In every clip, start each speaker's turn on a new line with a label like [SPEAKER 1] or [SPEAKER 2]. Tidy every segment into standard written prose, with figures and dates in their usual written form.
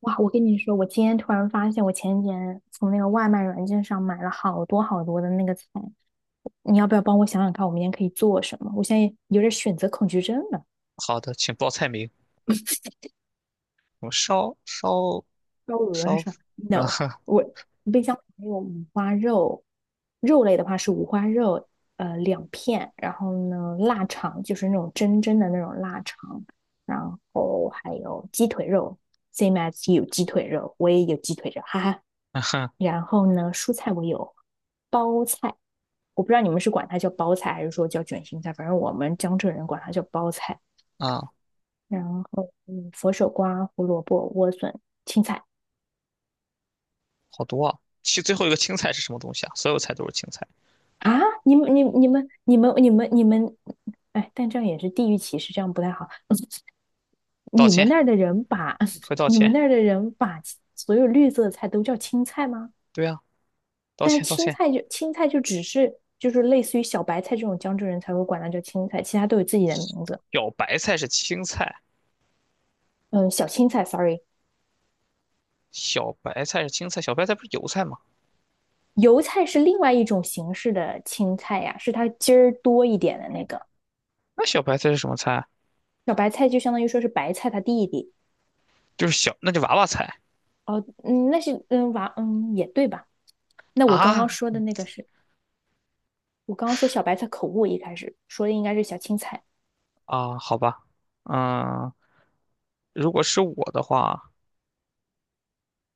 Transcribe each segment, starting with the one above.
[SPEAKER 1] 哇，我跟你说，我今天突然发现，我前几天从那个外卖软件上买了好多好多的那个菜。你要不要帮我想想看，我明天可以做什么？我现在有点选择恐惧症了，
[SPEAKER 2] 好的，请报菜名。我烧烧
[SPEAKER 1] 高额
[SPEAKER 2] 烧，
[SPEAKER 1] 是吧
[SPEAKER 2] 嗯
[SPEAKER 1] ？No，
[SPEAKER 2] 哼
[SPEAKER 1] 我冰箱没有，肉类的话是五花肉，2片，然后呢，腊肠就是那种真真的那种腊肠，然后还有鸡腿肉，same as you 鸡腿肉，我也有鸡腿肉，哈哈。
[SPEAKER 2] 嗯哼
[SPEAKER 1] 然后呢，蔬菜我有包菜，我不知道你们是管它叫包菜还是说叫卷心菜，反正我们江浙人管它叫包菜。
[SPEAKER 2] 啊，
[SPEAKER 1] 然后，佛手瓜、胡萝卜、莴笋、青菜
[SPEAKER 2] 好多啊。其最后一个青菜是什么东西啊？所有菜都是青菜。
[SPEAKER 1] 啊，你们，哎，但这样也是地域歧视，这样不太好。
[SPEAKER 2] 道
[SPEAKER 1] 你们
[SPEAKER 2] 歉，
[SPEAKER 1] 那儿的人把
[SPEAKER 2] 快 道
[SPEAKER 1] 你们
[SPEAKER 2] 歉。
[SPEAKER 1] 那儿的人把所有绿色的菜都叫青菜吗？
[SPEAKER 2] 对啊，道
[SPEAKER 1] 但是
[SPEAKER 2] 歉道
[SPEAKER 1] 青
[SPEAKER 2] 歉。
[SPEAKER 1] 菜就青菜就只是就是类似于小白菜这种江浙人才会管它叫青菜，其他都有自己的名字。
[SPEAKER 2] 小白菜是青菜，
[SPEAKER 1] 嗯，小青菜，sorry，
[SPEAKER 2] 小白菜是青菜，小白菜不是油菜吗？
[SPEAKER 1] 油菜是另外一种形式的青菜呀，是它筋儿多一点的那个。
[SPEAKER 2] 那小白菜是什么菜啊？
[SPEAKER 1] 小白菜就相当于说是白菜它弟弟。
[SPEAKER 2] 就是小，那就娃娃菜
[SPEAKER 1] 哦，嗯，那是娃也对吧？那我刚刚
[SPEAKER 2] 啊
[SPEAKER 1] 说的那个是我刚刚说小白菜口误，一开始说的应该是小青菜。
[SPEAKER 2] 啊，好吧。嗯，如果是我的话，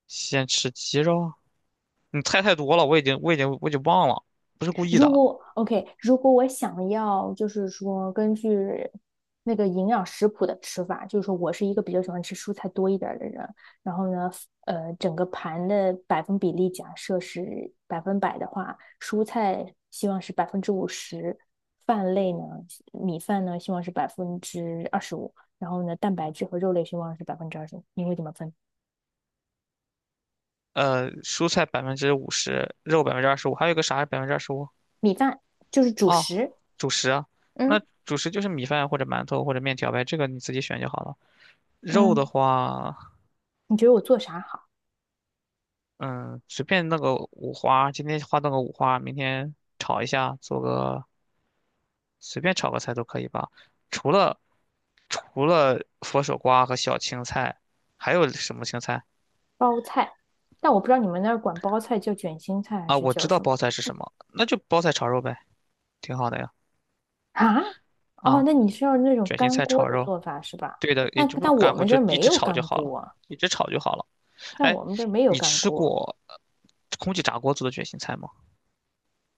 [SPEAKER 2] 先吃鸡肉。你菜太多了，我已经忘了，不是故意
[SPEAKER 1] 如
[SPEAKER 2] 的。
[SPEAKER 1] 果 OK，如果我想要，就是说根据那个营养食谱的吃法，就是说我是一个比较喜欢吃蔬菜多一点的人，然后呢，整个盘的百分比例假设是100%的话，蔬菜希望是50%，饭类呢，米饭呢希望是百分之二十五，然后呢，蛋白质和肉类希望是百分之二十五，你会怎么分？
[SPEAKER 2] 蔬菜50%，肉百分之二十五，还有一个啥是百分之二十五？
[SPEAKER 1] 米饭就是主
[SPEAKER 2] 哦，
[SPEAKER 1] 食，
[SPEAKER 2] 主食啊，
[SPEAKER 1] 嗯，
[SPEAKER 2] 那主食就是米饭或者馒头或者面条呗，这个你自己选就好了。肉的
[SPEAKER 1] 嗯，
[SPEAKER 2] 话，
[SPEAKER 1] 你觉得我做啥好？
[SPEAKER 2] 嗯，随便弄个五花，今天花弄个五花，明天炒一下，做个随便炒个菜都可以吧。除了除了佛手瓜和小青菜，还有什么青菜
[SPEAKER 1] 包菜，但我不知道你们那儿管包菜叫卷心菜还
[SPEAKER 2] 啊？
[SPEAKER 1] 是
[SPEAKER 2] 我
[SPEAKER 1] 叫
[SPEAKER 2] 知道
[SPEAKER 1] 什么
[SPEAKER 2] 包菜是什么，那就包菜炒肉呗，挺好的呀。
[SPEAKER 1] 啊？哦，
[SPEAKER 2] 啊，
[SPEAKER 1] 那你是要那种
[SPEAKER 2] 卷心
[SPEAKER 1] 干
[SPEAKER 2] 菜
[SPEAKER 1] 锅
[SPEAKER 2] 炒
[SPEAKER 1] 的
[SPEAKER 2] 肉。
[SPEAKER 1] 做法是吧？
[SPEAKER 2] 对的，也
[SPEAKER 1] 但
[SPEAKER 2] 就不是
[SPEAKER 1] 但我
[SPEAKER 2] 干锅，
[SPEAKER 1] 们这
[SPEAKER 2] 就
[SPEAKER 1] 儿
[SPEAKER 2] 一
[SPEAKER 1] 没
[SPEAKER 2] 直
[SPEAKER 1] 有
[SPEAKER 2] 炒就
[SPEAKER 1] 干
[SPEAKER 2] 好了，
[SPEAKER 1] 锅啊，
[SPEAKER 2] 一直炒就好了。
[SPEAKER 1] 但
[SPEAKER 2] 哎，
[SPEAKER 1] 我们这儿没有
[SPEAKER 2] 你
[SPEAKER 1] 干
[SPEAKER 2] 吃
[SPEAKER 1] 锅。
[SPEAKER 2] 过空气炸锅做的卷心菜吗？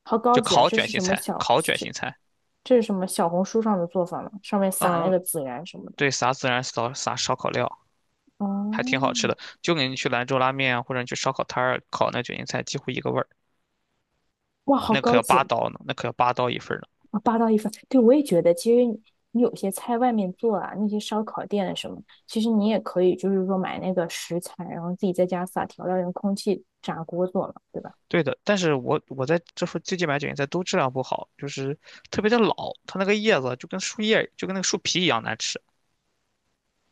[SPEAKER 1] 好高
[SPEAKER 2] 就
[SPEAKER 1] 级啊！
[SPEAKER 2] 烤卷心菜，烤卷心菜。
[SPEAKER 1] 这是什么小红书上的做法吗？上面撒那
[SPEAKER 2] 嗯，
[SPEAKER 1] 个孜然什么的。
[SPEAKER 2] 对，撒孜然，撒烧烤料，还
[SPEAKER 1] 哦，
[SPEAKER 2] 挺好吃的。就跟你去兰州拉面啊，或者你去烧烤摊儿烤那卷心菜，几乎一个味儿。
[SPEAKER 1] 哇，好
[SPEAKER 2] 那可
[SPEAKER 1] 高
[SPEAKER 2] 要八
[SPEAKER 1] 级！
[SPEAKER 2] 刀呢，那可要八刀一份儿呢。
[SPEAKER 1] 啊，霸道一方，对，我也觉得，其实你有些菜外面做啊，那些烧烤店啊什么，其实你也可以，就是说买那个食材，然后自己在家撒调料，用空气炸锅做嘛，对吧？
[SPEAKER 2] 对的，但是我在这附最近买卷心菜都质量不好，就是特别的老，它那个叶子就跟树叶就跟那个树皮一样难吃，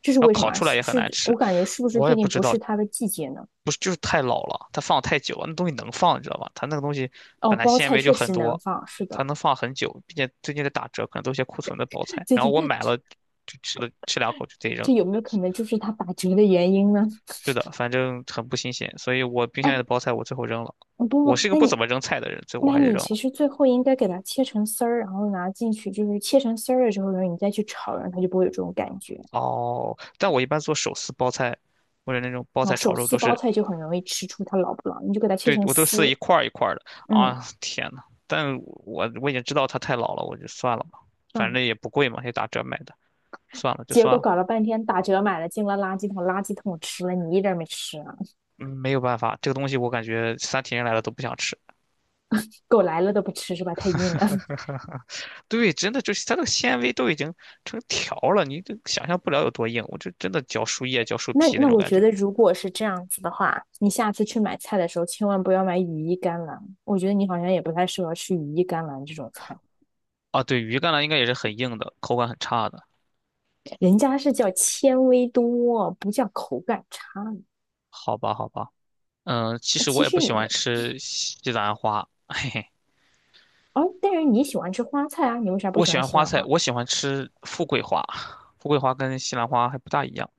[SPEAKER 1] 这是
[SPEAKER 2] 然后
[SPEAKER 1] 为什么
[SPEAKER 2] 烤
[SPEAKER 1] 啊，
[SPEAKER 2] 出来也很难
[SPEAKER 1] 我
[SPEAKER 2] 吃。
[SPEAKER 1] 感觉是不是
[SPEAKER 2] 我
[SPEAKER 1] 最
[SPEAKER 2] 也不
[SPEAKER 1] 近
[SPEAKER 2] 知
[SPEAKER 1] 不
[SPEAKER 2] 道，
[SPEAKER 1] 是它的季节呢？
[SPEAKER 2] 不是就是太老了，它放太久了，那东西能放，你知道吧？它那个东西
[SPEAKER 1] 哦，
[SPEAKER 2] 本来
[SPEAKER 1] 包
[SPEAKER 2] 纤
[SPEAKER 1] 菜
[SPEAKER 2] 维
[SPEAKER 1] 确
[SPEAKER 2] 就很
[SPEAKER 1] 实能
[SPEAKER 2] 多，
[SPEAKER 1] 放，是的，
[SPEAKER 2] 它能放很久，并且最近在打折，可能都是些库存的包菜。
[SPEAKER 1] 最
[SPEAKER 2] 然后
[SPEAKER 1] 近
[SPEAKER 2] 我买了，就吃两口就得扔。
[SPEAKER 1] 这有没有可能就是它打折的原因呢？
[SPEAKER 2] 是的，反正很不新鲜，所以我冰箱里
[SPEAKER 1] 哎，
[SPEAKER 2] 的包菜我最后扔了。
[SPEAKER 1] 不
[SPEAKER 2] 我
[SPEAKER 1] 不，
[SPEAKER 2] 是一个
[SPEAKER 1] 那
[SPEAKER 2] 不怎
[SPEAKER 1] 你
[SPEAKER 2] 么扔菜的人，所以我
[SPEAKER 1] 那
[SPEAKER 2] 还是
[SPEAKER 1] 你
[SPEAKER 2] 扔
[SPEAKER 1] 其
[SPEAKER 2] 了。
[SPEAKER 1] 实最后应该给它切成丝儿，然后拿进去，就是切成丝儿了之后，然后你再去炒，然后它就不会有这种感觉。
[SPEAKER 2] 哦，但我一般做手撕包菜或者那种包
[SPEAKER 1] 然后
[SPEAKER 2] 菜炒
[SPEAKER 1] 手
[SPEAKER 2] 肉
[SPEAKER 1] 撕
[SPEAKER 2] 都
[SPEAKER 1] 包
[SPEAKER 2] 是，
[SPEAKER 1] 菜就很容易吃出它老不老，你就给它切
[SPEAKER 2] 对，
[SPEAKER 1] 成
[SPEAKER 2] 我都撕一
[SPEAKER 1] 丝，
[SPEAKER 2] 块儿一块儿的。
[SPEAKER 1] 嗯，
[SPEAKER 2] 啊，天呐，但我已经知道它太老了，我就算了吧，反
[SPEAKER 1] 嗯，
[SPEAKER 2] 正也不贵嘛，也打折买的。算了，就
[SPEAKER 1] 结
[SPEAKER 2] 算
[SPEAKER 1] 果
[SPEAKER 2] 了。
[SPEAKER 1] 搞了半天打折买了，进了垃圾桶，垃圾桶吃了，你一点儿没吃啊！
[SPEAKER 2] 嗯，没有办法，这个东西我感觉三体人来了都不想吃。
[SPEAKER 1] 狗来了都不吃是吧？太硬了。
[SPEAKER 2] 对，真的就是它这个纤维都已经成条了，你都想象不了有多硬。我这真的嚼树叶、嚼树
[SPEAKER 1] 那
[SPEAKER 2] 皮那
[SPEAKER 1] 那
[SPEAKER 2] 种
[SPEAKER 1] 我
[SPEAKER 2] 感
[SPEAKER 1] 觉
[SPEAKER 2] 觉
[SPEAKER 1] 得，如果是这样子的话，你下次去买菜的时候，千万不要买羽衣甘蓝。我觉得你好像也不太适合吃羽衣甘蓝这种菜，
[SPEAKER 2] 啊。对，鱼干呢应该也是很硬的，口感很差的。
[SPEAKER 1] 人家是叫纤维多，不叫口感差。
[SPEAKER 2] 好吧，好吧，嗯，其
[SPEAKER 1] 哎，
[SPEAKER 2] 实
[SPEAKER 1] 其
[SPEAKER 2] 我也
[SPEAKER 1] 实
[SPEAKER 2] 不
[SPEAKER 1] 你
[SPEAKER 2] 喜欢
[SPEAKER 1] 们
[SPEAKER 2] 吃西兰花，嘿，
[SPEAKER 1] 哦，但是你喜欢吃花菜啊，你为啥不
[SPEAKER 2] 我
[SPEAKER 1] 喜
[SPEAKER 2] 喜
[SPEAKER 1] 欢
[SPEAKER 2] 欢
[SPEAKER 1] 西
[SPEAKER 2] 花
[SPEAKER 1] 兰
[SPEAKER 2] 菜，
[SPEAKER 1] 花？
[SPEAKER 2] 我喜欢吃富贵花，富贵花跟西兰花还不大一样。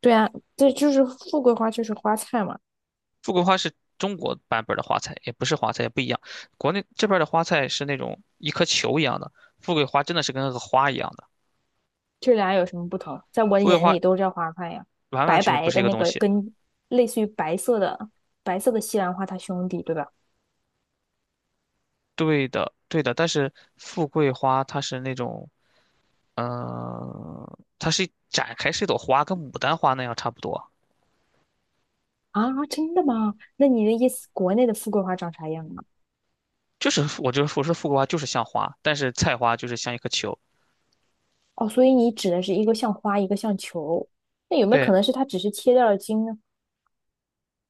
[SPEAKER 1] 对啊，这就是富贵花，就是花菜嘛，
[SPEAKER 2] 富贵花是中国版本的花菜，也不是花菜，也不一样。国内这边的花菜是那种一颗球一样的，富贵花真的是跟那个花一样的。
[SPEAKER 1] 这俩有什么不同？在我的
[SPEAKER 2] 富贵
[SPEAKER 1] 眼
[SPEAKER 2] 花
[SPEAKER 1] 里都叫花菜呀，
[SPEAKER 2] 完完
[SPEAKER 1] 白
[SPEAKER 2] 全全
[SPEAKER 1] 白
[SPEAKER 2] 不是
[SPEAKER 1] 的
[SPEAKER 2] 一个
[SPEAKER 1] 那
[SPEAKER 2] 东
[SPEAKER 1] 个
[SPEAKER 2] 西。
[SPEAKER 1] 跟类似于白色的西兰花它兄弟，对吧？
[SPEAKER 2] 对的，对的，但是富贵花它是那种，嗯，它是展开是一朵花，跟牡丹花那样差不多。
[SPEAKER 1] 啊，真的吗？那你的意思，国内的富贵花长啥样啊？
[SPEAKER 2] 就是我就是我说富贵花就是像花，但是菜花就是像一颗球。
[SPEAKER 1] 哦，所以你指的是一个像花，一个像球，那有没有可
[SPEAKER 2] 对，
[SPEAKER 1] 能是它只是切掉了茎呢？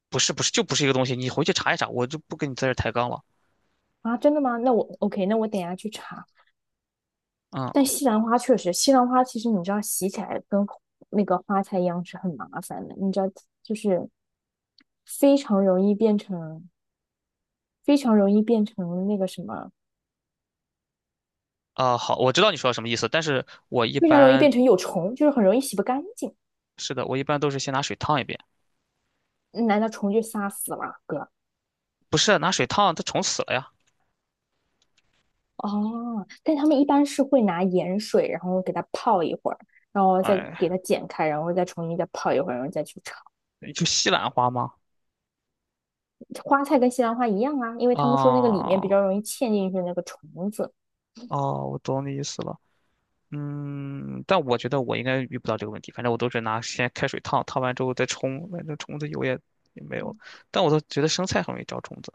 [SPEAKER 2] 不是一个东西，你回去查一查，我就不跟你在这儿抬杠了。
[SPEAKER 1] 啊，真的吗？那我 OK，那我等一下去查。但
[SPEAKER 2] 嗯。
[SPEAKER 1] 西兰花确实，西兰花其实你知道洗起来跟那个花菜一样是很麻烦的，你知道就是非常容易变成非常容易变成那个什么，
[SPEAKER 2] 啊、好，我知道你说什么意思，但是我一
[SPEAKER 1] 非常容易变
[SPEAKER 2] 般
[SPEAKER 1] 成有虫，就是很容易洗不干净。
[SPEAKER 2] 是的，我一般都是先拿水烫一遍，
[SPEAKER 1] 难道虫就杀死了哥？
[SPEAKER 2] 不是拿水烫，它虫死了呀。
[SPEAKER 1] 哦，但他们一般是会拿盐水，然后给它泡一会儿，然后再给
[SPEAKER 2] 哎，
[SPEAKER 1] 它剪开，然后再重新再泡一会儿，然后再去炒。
[SPEAKER 2] 就西兰花吗？
[SPEAKER 1] 花菜跟西兰花一样啊，因为他们说那个里面比
[SPEAKER 2] 啊，
[SPEAKER 1] 较容易嵌进去那个虫子。
[SPEAKER 2] 哦，我懂你意思了。嗯，但我觉得我应该遇不到这个问题，反正我都是拿先开水烫，烫完之后再冲，反正虫子有也也没有了。但我都觉得生菜很容易招虫子。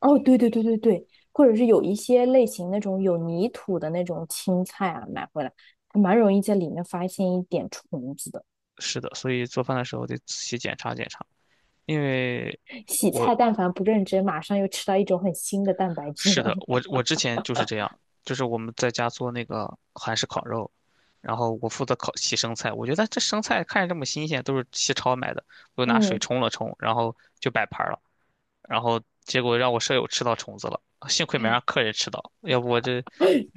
[SPEAKER 1] 哦，对对对对对，或者是有一些类型那种有泥土的那种青菜啊，买回来还蛮容易在里面发现一点虫子的。
[SPEAKER 2] 是的，所以做饭的时候得仔细检查检查，因为
[SPEAKER 1] 洗
[SPEAKER 2] 我
[SPEAKER 1] 菜但凡不认真，马上又吃到一种很新的蛋白质
[SPEAKER 2] 是
[SPEAKER 1] 了。
[SPEAKER 2] 的，我之前就是这样，就是我们在家做那个韩式烤肉，然后我负责烤洗生菜。我觉得这生菜看着这么新鲜，都是西超买的，我 就拿水
[SPEAKER 1] 嗯，
[SPEAKER 2] 冲了冲，然后就摆盘了。然后结果让我舍友吃到虫子了，幸亏没让客人吃到，要不我这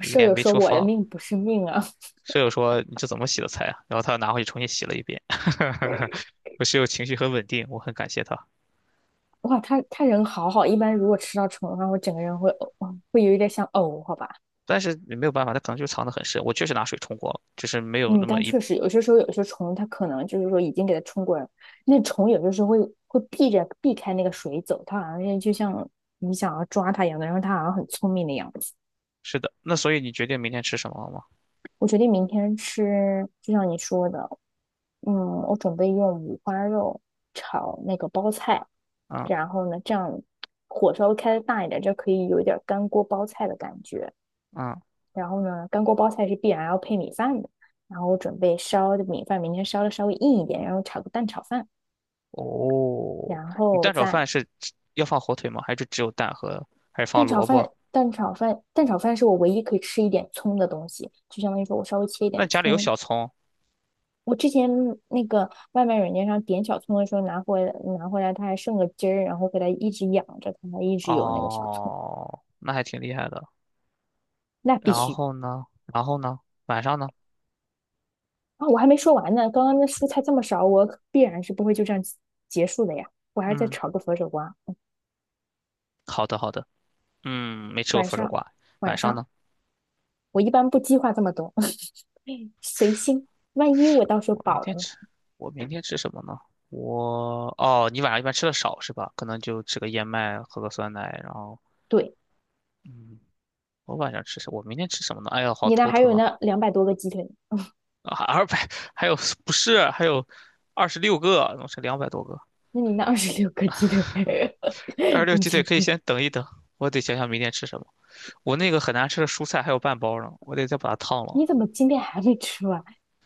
[SPEAKER 1] 舍友
[SPEAKER 2] 没
[SPEAKER 1] 说
[SPEAKER 2] 处
[SPEAKER 1] 我
[SPEAKER 2] 放
[SPEAKER 1] 的
[SPEAKER 2] 了。
[SPEAKER 1] 命不是命啊，
[SPEAKER 2] 舍友说：“你这怎么洗的菜啊？”然后他又拿回去重新洗了一遍。我室友情绪很稳定，我很感谢他。
[SPEAKER 1] 哇，他人好好，一般如果吃到虫的话，我整个人会呕，会有一点想呕，好吧。
[SPEAKER 2] 但是也没有办法，他可能就藏得很深。我确实拿水冲过了，就是没有
[SPEAKER 1] 嗯，
[SPEAKER 2] 那么
[SPEAKER 1] 但
[SPEAKER 2] 一
[SPEAKER 1] 确实有些时候，有些虫它可能就是说已经给它冲过来了，那虫有些时候会避着避开那个水走，它好像是就像你想要抓它一样的，然后它好像很聪明的样子。
[SPEAKER 2] 是的，那所以你决定明天吃什么了吗？
[SPEAKER 1] 我决定明天吃，就像你说的，嗯，我准备用五花肉炒那个包菜，
[SPEAKER 2] 嗯
[SPEAKER 1] 然后呢，这样火稍微开的大一点，就可以有一点干锅包菜的感觉。
[SPEAKER 2] 嗯，
[SPEAKER 1] 然后呢，干锅包菜是必然要配米饭的。然后我准备烧的米饭，明天烧的稍微硬一点，然后炒个蛋炒饭，
[SPEAKER 2] 哦，
[SPEAKER 1] 然
[SPEAKER 2] 你
[SPEAKER 1] 后
[SPEAKER 2] 蛋炒
[SPEAKER 1] 再
[SPEAKER 2] 饭是只要放火腿吗？还是只有蛋和，还是放萝卜？
[SPEAKER 1] 蛋炒饭是我唯一可以吃一点葱的东西，就相当于说我稍微切一点
[SPEAKER 2] 那家里有
[SPEAKER 1] 葱。
[SPEAKER 2] 小葱？
[SPEAKER 1] 我之前那个外卖软件上点小葱的时候，拿回来，它还剩个汁儿，然后给它一直养着，它还一直有那个小葱，
[SPEAKER 2] 哦，那还挺厉害的。
[SPEAKER 1] 那必
[SPEAKER 2] 然
[SPEAKER 1] 须。
[SPEAKER 2] 后呢？然后呢？晚上呢？
[SPEAKER 1] 啊，我还没说完呢，刚刚那蔬菜这么少，我必然是不会就这样结束的呀，我还要再
[SPEAKER 2] 嗯，
[SPEAKER 1] 炒个佛手瓜。
[SPEAKER 2] 好的好的。嗯，没吃过
[SPEAKER 1] 晚
[SPEAKER 2] 佛手
[SPEAKER 1] 上，
[SPEAKER 2] 瓜。
[SPEAKER 1] 晚
[SPEAKER 2] 晚上
[SPEAKER 1] 上，
[SPEAKER 2] 呢？
[SPEAKER 1] 我一般不计划这么多，随心。万一我到时候
[SPEAKER 2] 我明
[SPEAKER 1] 饱了
[SPEAKER 2] 天吃，
[SPEAKER 1] 呢？
[SPEAKER 2] 我明天吃什么呢？我哦，你晚上一般吃的少是吧？可能就吃个燕麦，喝个酸奶，然后
[SPEAKER 1] 对，
[SPEAKER 2] 嗯，我明天吃什么呢？哎呀，好
[SPEAKER 1] 你那
[SPEAKER 2] 头
[SPEAKER 1] 还
[SPEAKER 2] 疼
[SPEAKER 1] 有
[SPEAKER 2] 啊！
[SPEAKER 1] 那200多个鸡腿，
[SPEAKER 2] 啊，200还有不是还有二十六个，弄是200多个。
[SPEAKER 1] 那你那26个鸡腿，
[SPEAKER 2] 二十 六
[SPEAKER 1] 你
[SPEAKER 2] 鸡
[SPEAKER 1] 这
[SPEAKER 2] 腿可以先等一等，我得想想明天吃什么。我那个很难吃的蔬菜还有半包呢，我得再把它烫了。
[SPEAKER 1] 你怎么今天还没吃完？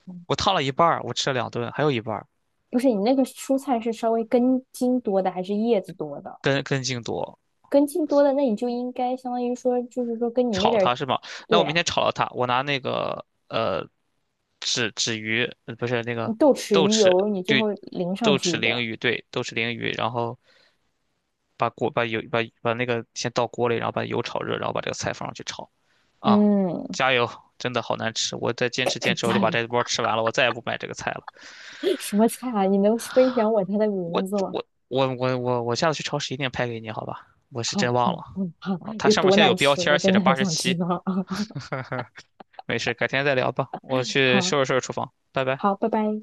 [SPEAKER 1] 嗯
[SPEAKER 2] 我烫了一半儿，我吃了两顿，还有一半儿
[SPEAKER 1] 不是，你那个蔬菜是稍微根茎多的还是叶子多的？
[SPEAKER 2] 根根茎多，
[SPEAKER 1] 根茎多的，那你就应该相当于说，就是说跟你那
[SPEAKER 2] 炒
[SPEAKER 1] 点儿，
[SPEAKER 2] 它是吗？那
[SPEAKER 1] 对
[SPEAKER 2] 我明
[SPEAKER 1] 啊，
[SPEAKER 2] 天炒了它，我拿那个纸鱼，不是那
[SPEAKER 1] 你
[SPEAKER 2] 个
[SPEAKER 1] 豆豉
[SPEAKER 2] 豆
[SPEAKER 1] 鱼
[SPEAKER 2] 豉
[SPEAKER 1] 油，你最后
[SPEAKER 2] 对
[SPEAKER 1] 淋上
[SPEAKER 2] 豆
[SPEAKER 1] 去一
[SPEAKER 2] 豉
[SPEAKER 1] 点
[SPEAKER 2] 鲮
[SPEAKER 1] 儿，
[SPEAKER 2] 鱼对豆豉鲮鱼，然后把锅把油把那个先倒锅里，然后把油炒热，然后把这个菜放上去炒。啊，
[SPEAKER 1] 嗯，
[SPEAKER 2] 加油！真的好难吃，我再坚 持
[SPEAKER 1] 可以
[SPEAKER 2] 坚持，我
[SPEAKER 1] 加
[SPEAKER 2] 就把
[SPEAKER 1] 油
[SPEAKER 2] 这波吃完了，我再也不买这个菜了。
[SPEAKER 1] 什么菜啊？你能分享我它的
[SPEAKER 2] 我
[SPEAKER 1] 名字吗？
[SPEAKER 2] 我下次去超市一定拍给你，好吧？我是
[SPEAKER 1] 好，
[SPEAKER 2] 真忘了
[SPEAKER 1] 嗯嗯，好，
[SPEAKER 2] 啊，它
[SPEAKER 1] 有
[SPEAKER 2] 上面
[SPEAKER 1] 多
[SPEAKER 2] 现在有
[SPEAKER 1] 难
[SPEAKER 2] 标
[SPEAKER 1] 吃？
[SPEAKER 2] 签
[SPEAKER 1] 我
[SPEAKER 2] 儿写
[SPEAKER 1] 真的
[SPEAKER 2] 着
[SPEAKER 1] 很
[SPEAKER 2] 八十
[SPEAKER 1] 想知
[SPEAKER 2] 七，
[SPEAKER 1] 道啊！
[SPEAKER 2] 没事，改天再聊吧。我去
[SPEAKER 1] 好
[SPEAKER 2] 收拾收拾厨房，拜拜。
[SPEAKER 1] 好，拜拜。